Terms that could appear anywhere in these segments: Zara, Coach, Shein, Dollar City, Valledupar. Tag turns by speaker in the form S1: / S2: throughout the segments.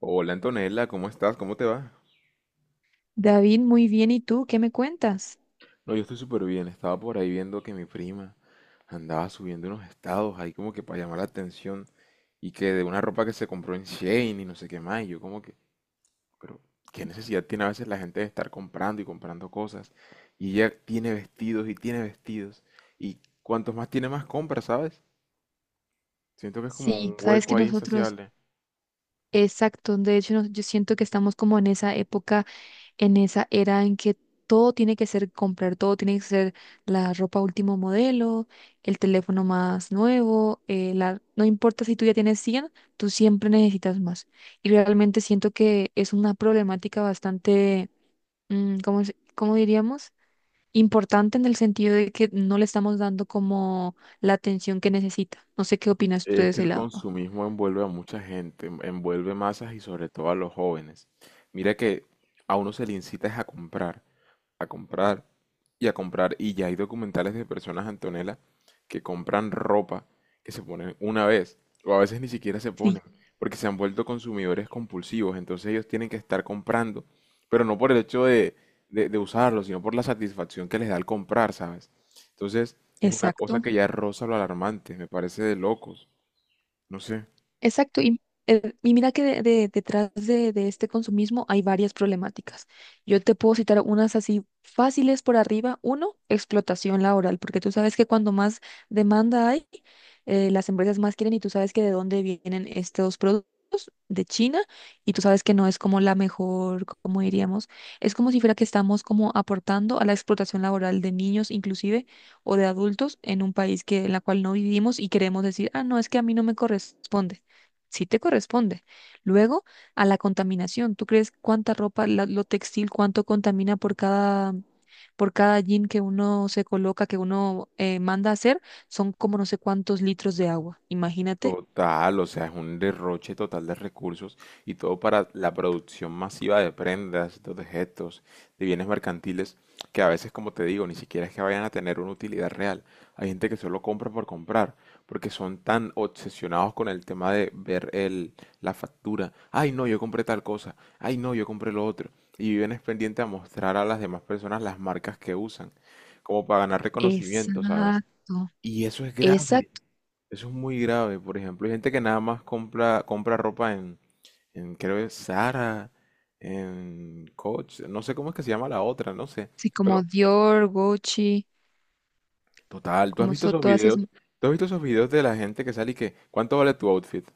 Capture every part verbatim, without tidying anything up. S1: Hola Antonella, ¿cómo estás? ¿Cómo te va?
S2: David, muy bien. ¿Y tú qué me cuentas?
S1: No, yo estoy súper bien. Estaba por ahí viendo que mi prima andaba subiendo unos estados ahí como que para llamar la atención y que de una ropa que se compró en Shein y no sé qué más. Y yo como que, pero ¿qué necesidad tiene a veces la gente de estar comprando y comprando cosas? Y ella tiene vestidos y tiene vestidos. Y cuantos más tiene más compra, ¿sabes? Siento que es como
S2: Sí,
S1: un
S2: sabes que
S1: hueco ahí. Ay,
S2: nosotros,
S1: insaciable.
S2: exacto, de hecho nos- yo siento que estamos como en esa época, en esa era en que todo tiene que ser comprar, todo tiene que ser la ropa último modelo, el teléfono más nuevo, eh, la, no importa si tú ya tienes cien, tú siempre necesitas más. Y realmente siento que es una problemática bastante, mm, ¿cómo, se- cómo diríamos? Importante en el sentido de que no le estamos dando como la atención que necesita. No sé qué opinas tú de
S1: Es que
S2: ese
S1: el
S2: lado.
S1: consumismo envuelve a mucha gente, en- envuelve masas y sobre todo a los jóvenes. Mira que a uno se le incita es a comprar, a comprar y a comprar. Y ya hay documentales de personas, Antonella, que compran ropa, que se ponen una vez o a veces ni siquiera se
S2: Sí,
S1: ponen porque se han vuelto consumidores compulsivos. Entonces ellos tienen que estar comprando, pero no por el hecho de, de, de usarlo, sino por la satisfacción que les da el comprar, ¿sabes? Entonces es una cosa
S2: exacto.
S1: que ya roza lo alarmante, me parece de locos. No sé.
S2: Exacto, y, eh, y mira que de- de- detrás de, de este consumismo hay varias problemáticas. Yo te puedo citar unas así fáciles por arriba. Uno, explotación laboral, porque tú sabes que cuando más demanda hay, eh, las empresas más quieren y tú sabes que de dónde vienen estos productos, de China, y tú sabes que no es como la mejor, como diríamos, es como si fuera que estamos como aportando a la explotación laboral de niños inclusive o de adultos en un país que, en la cual no vivimos y queremos decir, ah, no, es que a mí no me corresponde, sí te corresponde. Luego, a la contaminación. ¿Tú crees cuánta ropa, la- lo textil, cuánto contamina por cada, por cada jean que uno se coloca, que uno eh, manda a hacer? Son como no sé cuántos litros de agua. Imagínate.
S1: Total, o sea, es un derroche total de recursos y todo para la producción masiva de prendas, de objetos, de bienes mercantiles, que a veces, como te digo, ni siquiera es que vayan a tener una utilidad real. Hay gente que solo compra por comprar, porque son tan obsesionados con el tema de ver el, la factura. Ay, no, yo compré tal cosa. Ay, no, yo compré lo otro. Y viven es pendiente a mostrar a las demás personas las marcas que usan, como para ganar reconocimiento, ¿sabes?
S2: Exacto,
S1: Y eso es grave.
S2: exacto.
S1: Eso es muy grave. Por ejemplo, hay gente que nada más compra, compra ropa en, en, creo que Zara, en Coach, no sé cómo es que se llama la otra, no sé.
S2: Sí, como
S1: Pero,
S2: Dior, Gucci,
S1: total, ¿tú has
S2: como
S1: visto
S2: son
S1: esos
S2: todas esas.
S1: videos? ¿Tú has visto esos videos de la gente que sale y que, ¿cuánto vale tu outfit?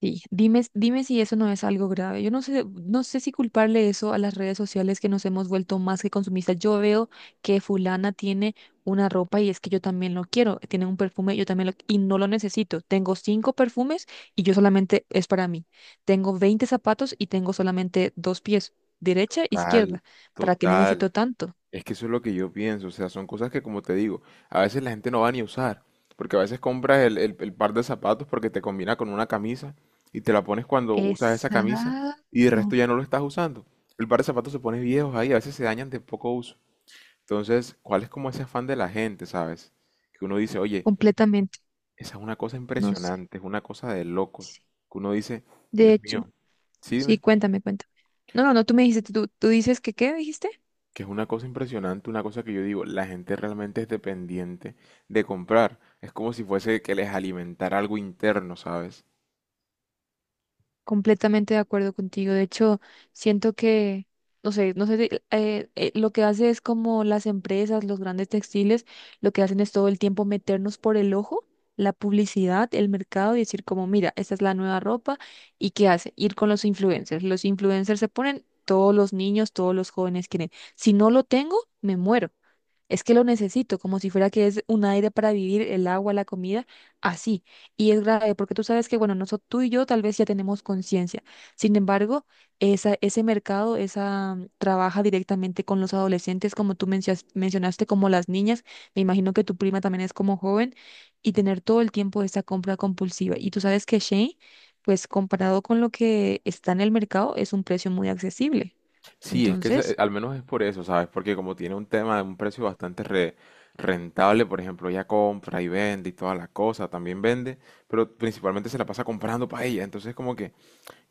S2: Sí, dime, dime si eso no es algo grave. Yo no sé, no sé si culparle eso a las redes sociales que nos hemos vuelto más que consumistas. Yo veo que fulana tiene una ropa y es que yo también lo quiero. Tiene un perfume, yo también lo y no lo necesito. Tengo cinco perfumes y yo solamente es para mí. Tengo veinte zapatos y tengo solamente dos pies, derecha e
S1: Total,
S2: izquierda. ¿Para qué
S1: total.
S2: necesito tanto?
S1: Es que eso es lo que yo pienso, o sea, son cosas que como te digo, a veces la gente no va ni a usar, porque a veces compras el, el- el par de zapatos porque te combina con una camisa y te la pones cuando usas esa camisa y de resto
S2: Exacto,
S1: ya no lo estás usando. El par de zapatos se pone viejos ahí, a veces se dañan de poco uso. Entonces, ¿cuál es como ese afán de la gente, sabes? Que uno dice, oye,
S2: completamente.
S1: esa es una cosa
S2: No sé.
S1: impresionante, es una cosa de locos,
S2: Sí.
S1: que uno dice,
S2: De
S1: Dios
S2: hecho.
S1: mío, sí,
S2: Sí,
S1: dime.
S2: cuéntame, cuéntame. No, no, no, tú me dijiste, tú, tú dices que qué dijiste.
S1: Que es una cosa impresionante, una cosa que yo digo, la gente realmente es dependiente de comprar. Es como si fuese que les alimentara algo interno, ¿sabes?
S2: Completamente de acuerdo contigo. De hecho, siento que, no sé, no sé, si- eh, eh, lo que hace es como las empresas, los grandes textiles, lo que hacen es todo el tiempo meternos por el ojo la publicidad, el mercado y decir como, mira, esta es la nueva ropa y qué hace, ir con los influencers. Los influencers se ponen, todos los niños, todos los jóvenes quieren. Si no lo tengo, me muero. Es que lo necesito, como si fuera que es un aire para vivir, el agua, la comida, así. Y es grave, porque tú sabes que, bueno, nosotros, tú y yo tal vez ya tenemos conciencia. Sin embargo, esa, ese mercado, esa mm, trabaja directamente con los adolescentes, como tú mencias- mencionaste, como las niñas. Me imagino que tu prima también es como joven y tener todo el tiempo esa compra compulsiva. Y tú sabes que Shane, pues comparado con lo que está en el mercado, es un precio muy accesible.
S1: Sí, es que se-
S2: Entonces,
S1: al menos es por eso, ¿sabes? Porque como tiene un tema de un precio bastante re- rentable, por ejemplo, ella compra y vende y toda la cosa, también vende, pero principalmente se la pasa comprando para ella. Entonces como que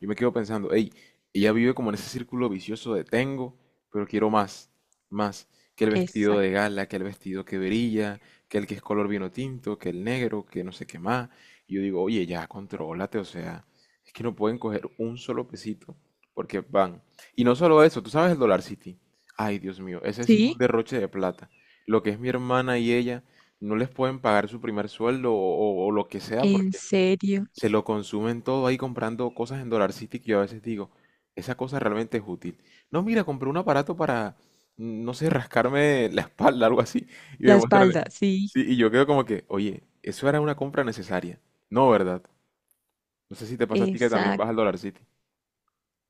S1: yo me quedo pensando, hey, ella vive como en ese círculo vicioso de tengo, pero quiero más, más, que el vestido de
S2: exacto.
S1: gala, que el vestido que brilla, que el que es color vino tinto, que el negro, que no sé qué más. Y yo digo, oye, ya, contrólate, o sea, es que no pueden coger un solo pesito, porque van. Y no solo eso, tú sabes el Dollar City. Ay, Dios mío, ese sí es un
S2: Sí,
S1: derroche de plata. Lo que es mi hermana y ella, no les pueden pagar su primer sueldo o, o- o lo que sea,
S2: en
S1: porque
S2: serio.
S1: se lo consumen todo ahí comprando cosas en Dollar City que yo a veces digo, esa cosa realmente es útil. No, mira, compré un aparato para, mm, no sé, rascarme la espalda, algo así, y me
S2: La
S1: muestran,
S2: espalda, sí.
S1: sí, y yo quedo como que, oye, eso era una compra necesaria. No, ¿verdad? No sé si te pasa a ti que también
S2: Exacto.
S1: vas al Dollar City.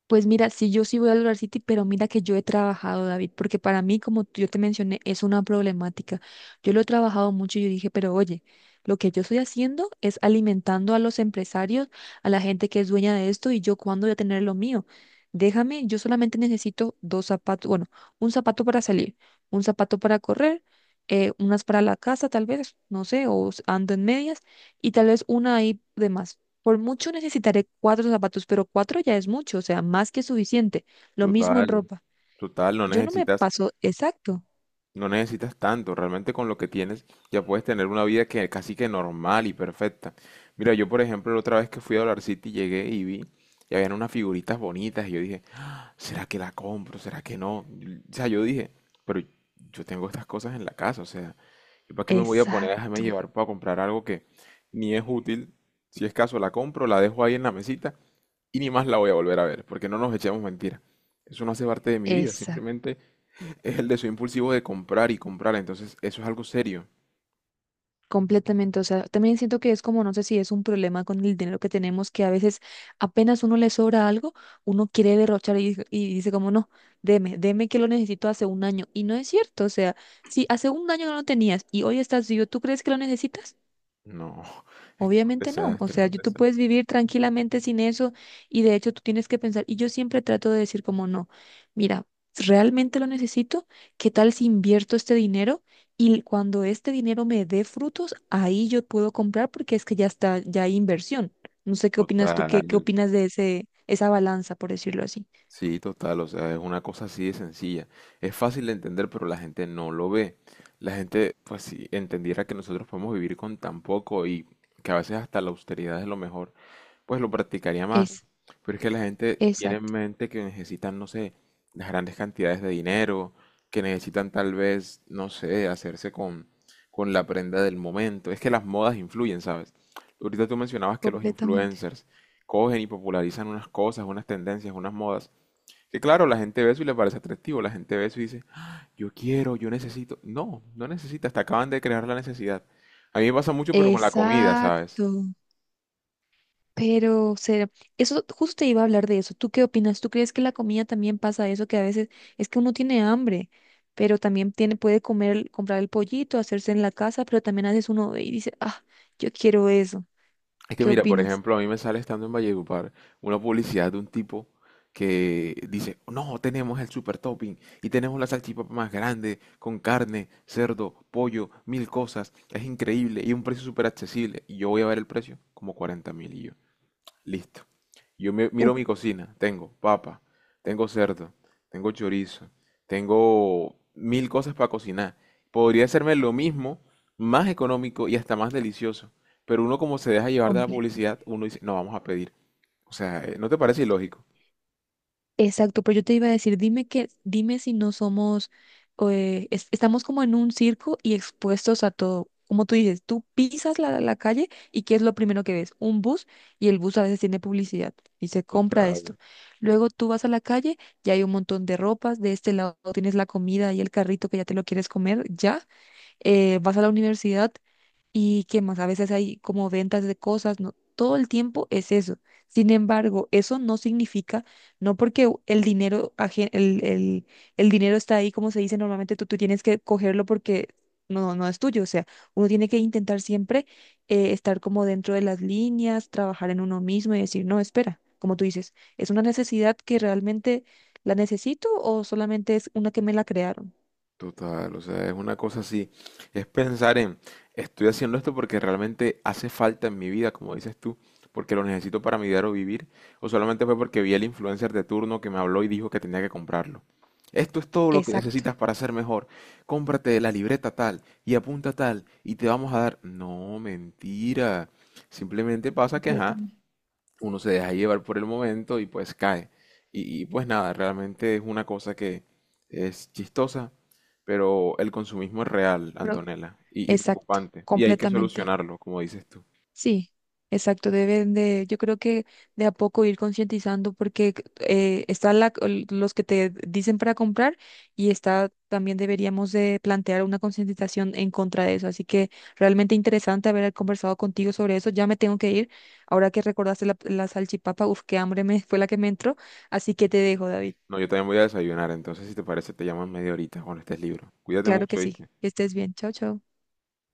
S2: Pues mira, sí, yo sí voy a lograr City, pero mira que yo he trabajado, David, porque para mí, como yo te mencioné, es una problemática. Yo lo he trabajado mucho y yo dije, pero oye, lo que yo estoy haciendo es alimentando a los empresarios, a la gente que es dueña de esto, y yo cuándo voy a tener lo mío. Déjame, yo solamente necesito dos zapatos, bueno, un zapato para salir, un zapato para correr, eh, unas para la casa, tal vez, no sé, o s- ando en medias, y tal vez una ahí de más. Por mucho necesitaré cuatro zapatos, pero cuatro ya es mucho, o sea, más que suficiente. Lo mismo
S1: Total,
S2: en ropa.
S1: total, no
S2: Yo no me
S1: necesitas.
S2: paso, exacto,
S1: No necesitas tanto, realmente con lo que tienes ya puedes tener una vida que casi que normal y perfecta. Mira, yo por ejemplo la otra vez que fui a Dollar City llegué y vi y habían unas figuritas bonitas y yo dije, ¿será que la compro? ¿Será que no? Y- O sea, yo dije, pero yo tengo estas cosas en la casa, o sea, ¿yo para qué me voy a poner a
S2: exacto,
S1: dejarme llevar para comprar algo que ni es útil? Si es caso, la compro, la dejo ahí en la mesita y ni más la voy a volver a ver, porque no nos echemos mentiras. Eso no hace parte de mi vida,
S2: exacto,
S1: simplemente es el deseo impulsivo de comprar y comprar, entonces eso es algo serio.
S2: completamente. O sea, también siento que es como, no sé si es un problema con el dinero que tenemos, que a veces apenas uno le sobra algo, uno quiere derrochar y, dice- y dice como, no, deme, deme que lo necesito hace un año. Y no es cierto, o sea, si hace un año no lo tenías y hoy estás vivo, ¿tú crees que lo necesitas?
S1: No, es que es un
S2: Obviamente no, o
S1: desastre, es
S2: sea,
S1: un
S2: yo- tú
S1: desastre.
S2: puedes vivir tranquilamente sin eso y de hecho tú tienes que pensar, y yo siempre trato de decir como no, mira, ¿realmente lo necesito? ¿Qué tal si invierto este dinero y cuando este dinero me dé frutos, ahí yo puedo comprar porque es que ya está, ya hay inversión? No sé qué opinas tú,
S1: Total,
S2: qué, qué opinas de ese, esa balanza, por decirlo así.
S1: sí, total, o sea, es una cosa así de sencilla. Es fácil de entender, pero la gente no lo ve. La gente, pues si entendiera que nosotros podemos vivir con tan poco y que a veces hasta la austeridad es lo mejor, pues lo practicaría más.
S2: Es,
S1: Pero es que la gente tiene en
S2: exacto,
S1: mente que necesitan, no sé, las grandes cantidades de dinero, que necesitan tal vez, no sé, hacerse con, con la prenda del momento. Es que las modas influyen, ¿sabes? Ahorita tú mencionabas que los
S2: completamente.
S1: influencers cogen y popularizan unas cosas, unas tendencias, unas modas. Que claro, la gente ve eso y le parece atractivo. La gente ve eso y dice, yo quiero, yo necesito. No, no necesitas, te acaban de crear la necesidad. A mí me pasa mucho, pero con la comida, ¿sabes?
S2: Exacto. Pero será, eso justo te iba a hablar de eso. ¿Tú qué opinas? ¿Tú crees que la comida también pasa eso? Que a veces es que uno tiene hambre, pero también tiene, puede comer, comprar el pollito, hacerse en la casa, pero también a veces uno ve y dice, ah, yo quiero eso.
S1: Es que
S2: ¿Qué
S1: mira, por
S2: opinas?
S1: ejemplo, a mí me sale estando en Valledupar una publicidad de un tipo que dice, no, tenemos el super topping y tenemos la salchipapa más grande con carne, cerdo, pollo, mil cosas. Es increíble y un precio súper accesible. Y yo voy a ver el precio, como cuarenta mil y yo. Listo. Yo me- miro
S2: Uf,
S1: mi cocina. Tengo papa, tengo cerdo, tengo chorizo, tengo mil cosas para cocinar. Podría hacerme lo mismo, más económico y hasta más delicioso. Pero uno como se deja llevar de la
S2: complejo.
S1: publicidad, uno dice, no, vamos a pedir. O sea, eh, ¿no te parece ilógico?
S2: Exacto, pero yo te iba a decir, dime que, dime si no somos, eh, es- estamos como en un circo y expuestos a todo. Como tú dices, tú pisas la, la calle y ¿qué es lo primero que ves? Un bus y el bus a veces tiene publicidad y se compra esto.
S1: Total.
S2: Luego tú vas a la calle y hay un montón de ropas, de este lado tienes la comida y el carrito que ya te lo quieres comer, ya. Eh, vas a la universidad y qué más, a veces hay como ventas de cosas, ¿no? Todo el tiempo es eso. Sin embargo, eso no significa, no porque u- el dinero, aje- el, el, el dinero está ahí, como se dice normalmente, tú, tú tienes que cogerlo porque no, no es tuyo. O sea, uno tiene que intentar siempre eh, estar como dentro de las líneas, trabajar en uno mismo y decir, no, espera, como tú dices, ¿es una necesidad que realmente la necesito o solamente es una que me la crearon?
S1: Total, o sea, es una cosa así, es pensar en, estoy haciendo esto porque realmente hace falta en mi vida, como dices tú, porque lo necesito para mi diario vivir, o solamente fue porque vi al influencer de turno que me habló y dijo que tenía que comprarlo. Esto es todo lo que
S2: Exacto,
S1: necesitas para ser mejor. Cómprate la libreta tal y apunta tal y te vamos a dar... No, mentira. Simplemente pasa que, ajá,
S2: completamente.
S1: uno se deja llevar por el momento y pues cae. Y, y, pues nada, realmente es una cosa que es chistosa, pero el consumismo es real,
S2: Pero-
S1: Antonella, y, y
S2: Exacto,
S1: preocupante. Y hay que
S2: completamente.
S1: solucionarlo, como dices tú.
S2: Sí, exacto. Deben de, yo creo que de a poco ir concientizando porque eh, están la- el- los que te dicen para comprar y está también deberíamos de plantear una concientización en contra de eso. Así que realmente interesante haber conversado contigo sobre eso. Ya me tengo que ir. Ahora que recordaste la, la salchipapa, uf, qué hambre me fue la que me entró. Así que te dejo, David.
S1: No, yo también voy a desayunar, entonces si te parece te llamo en media horita cuando estés libro. Cuídate
S2: Claro que
S1: mucho,
S2: sí.
S1: ¿viste?
S2: Que estés bien. Chao, chao.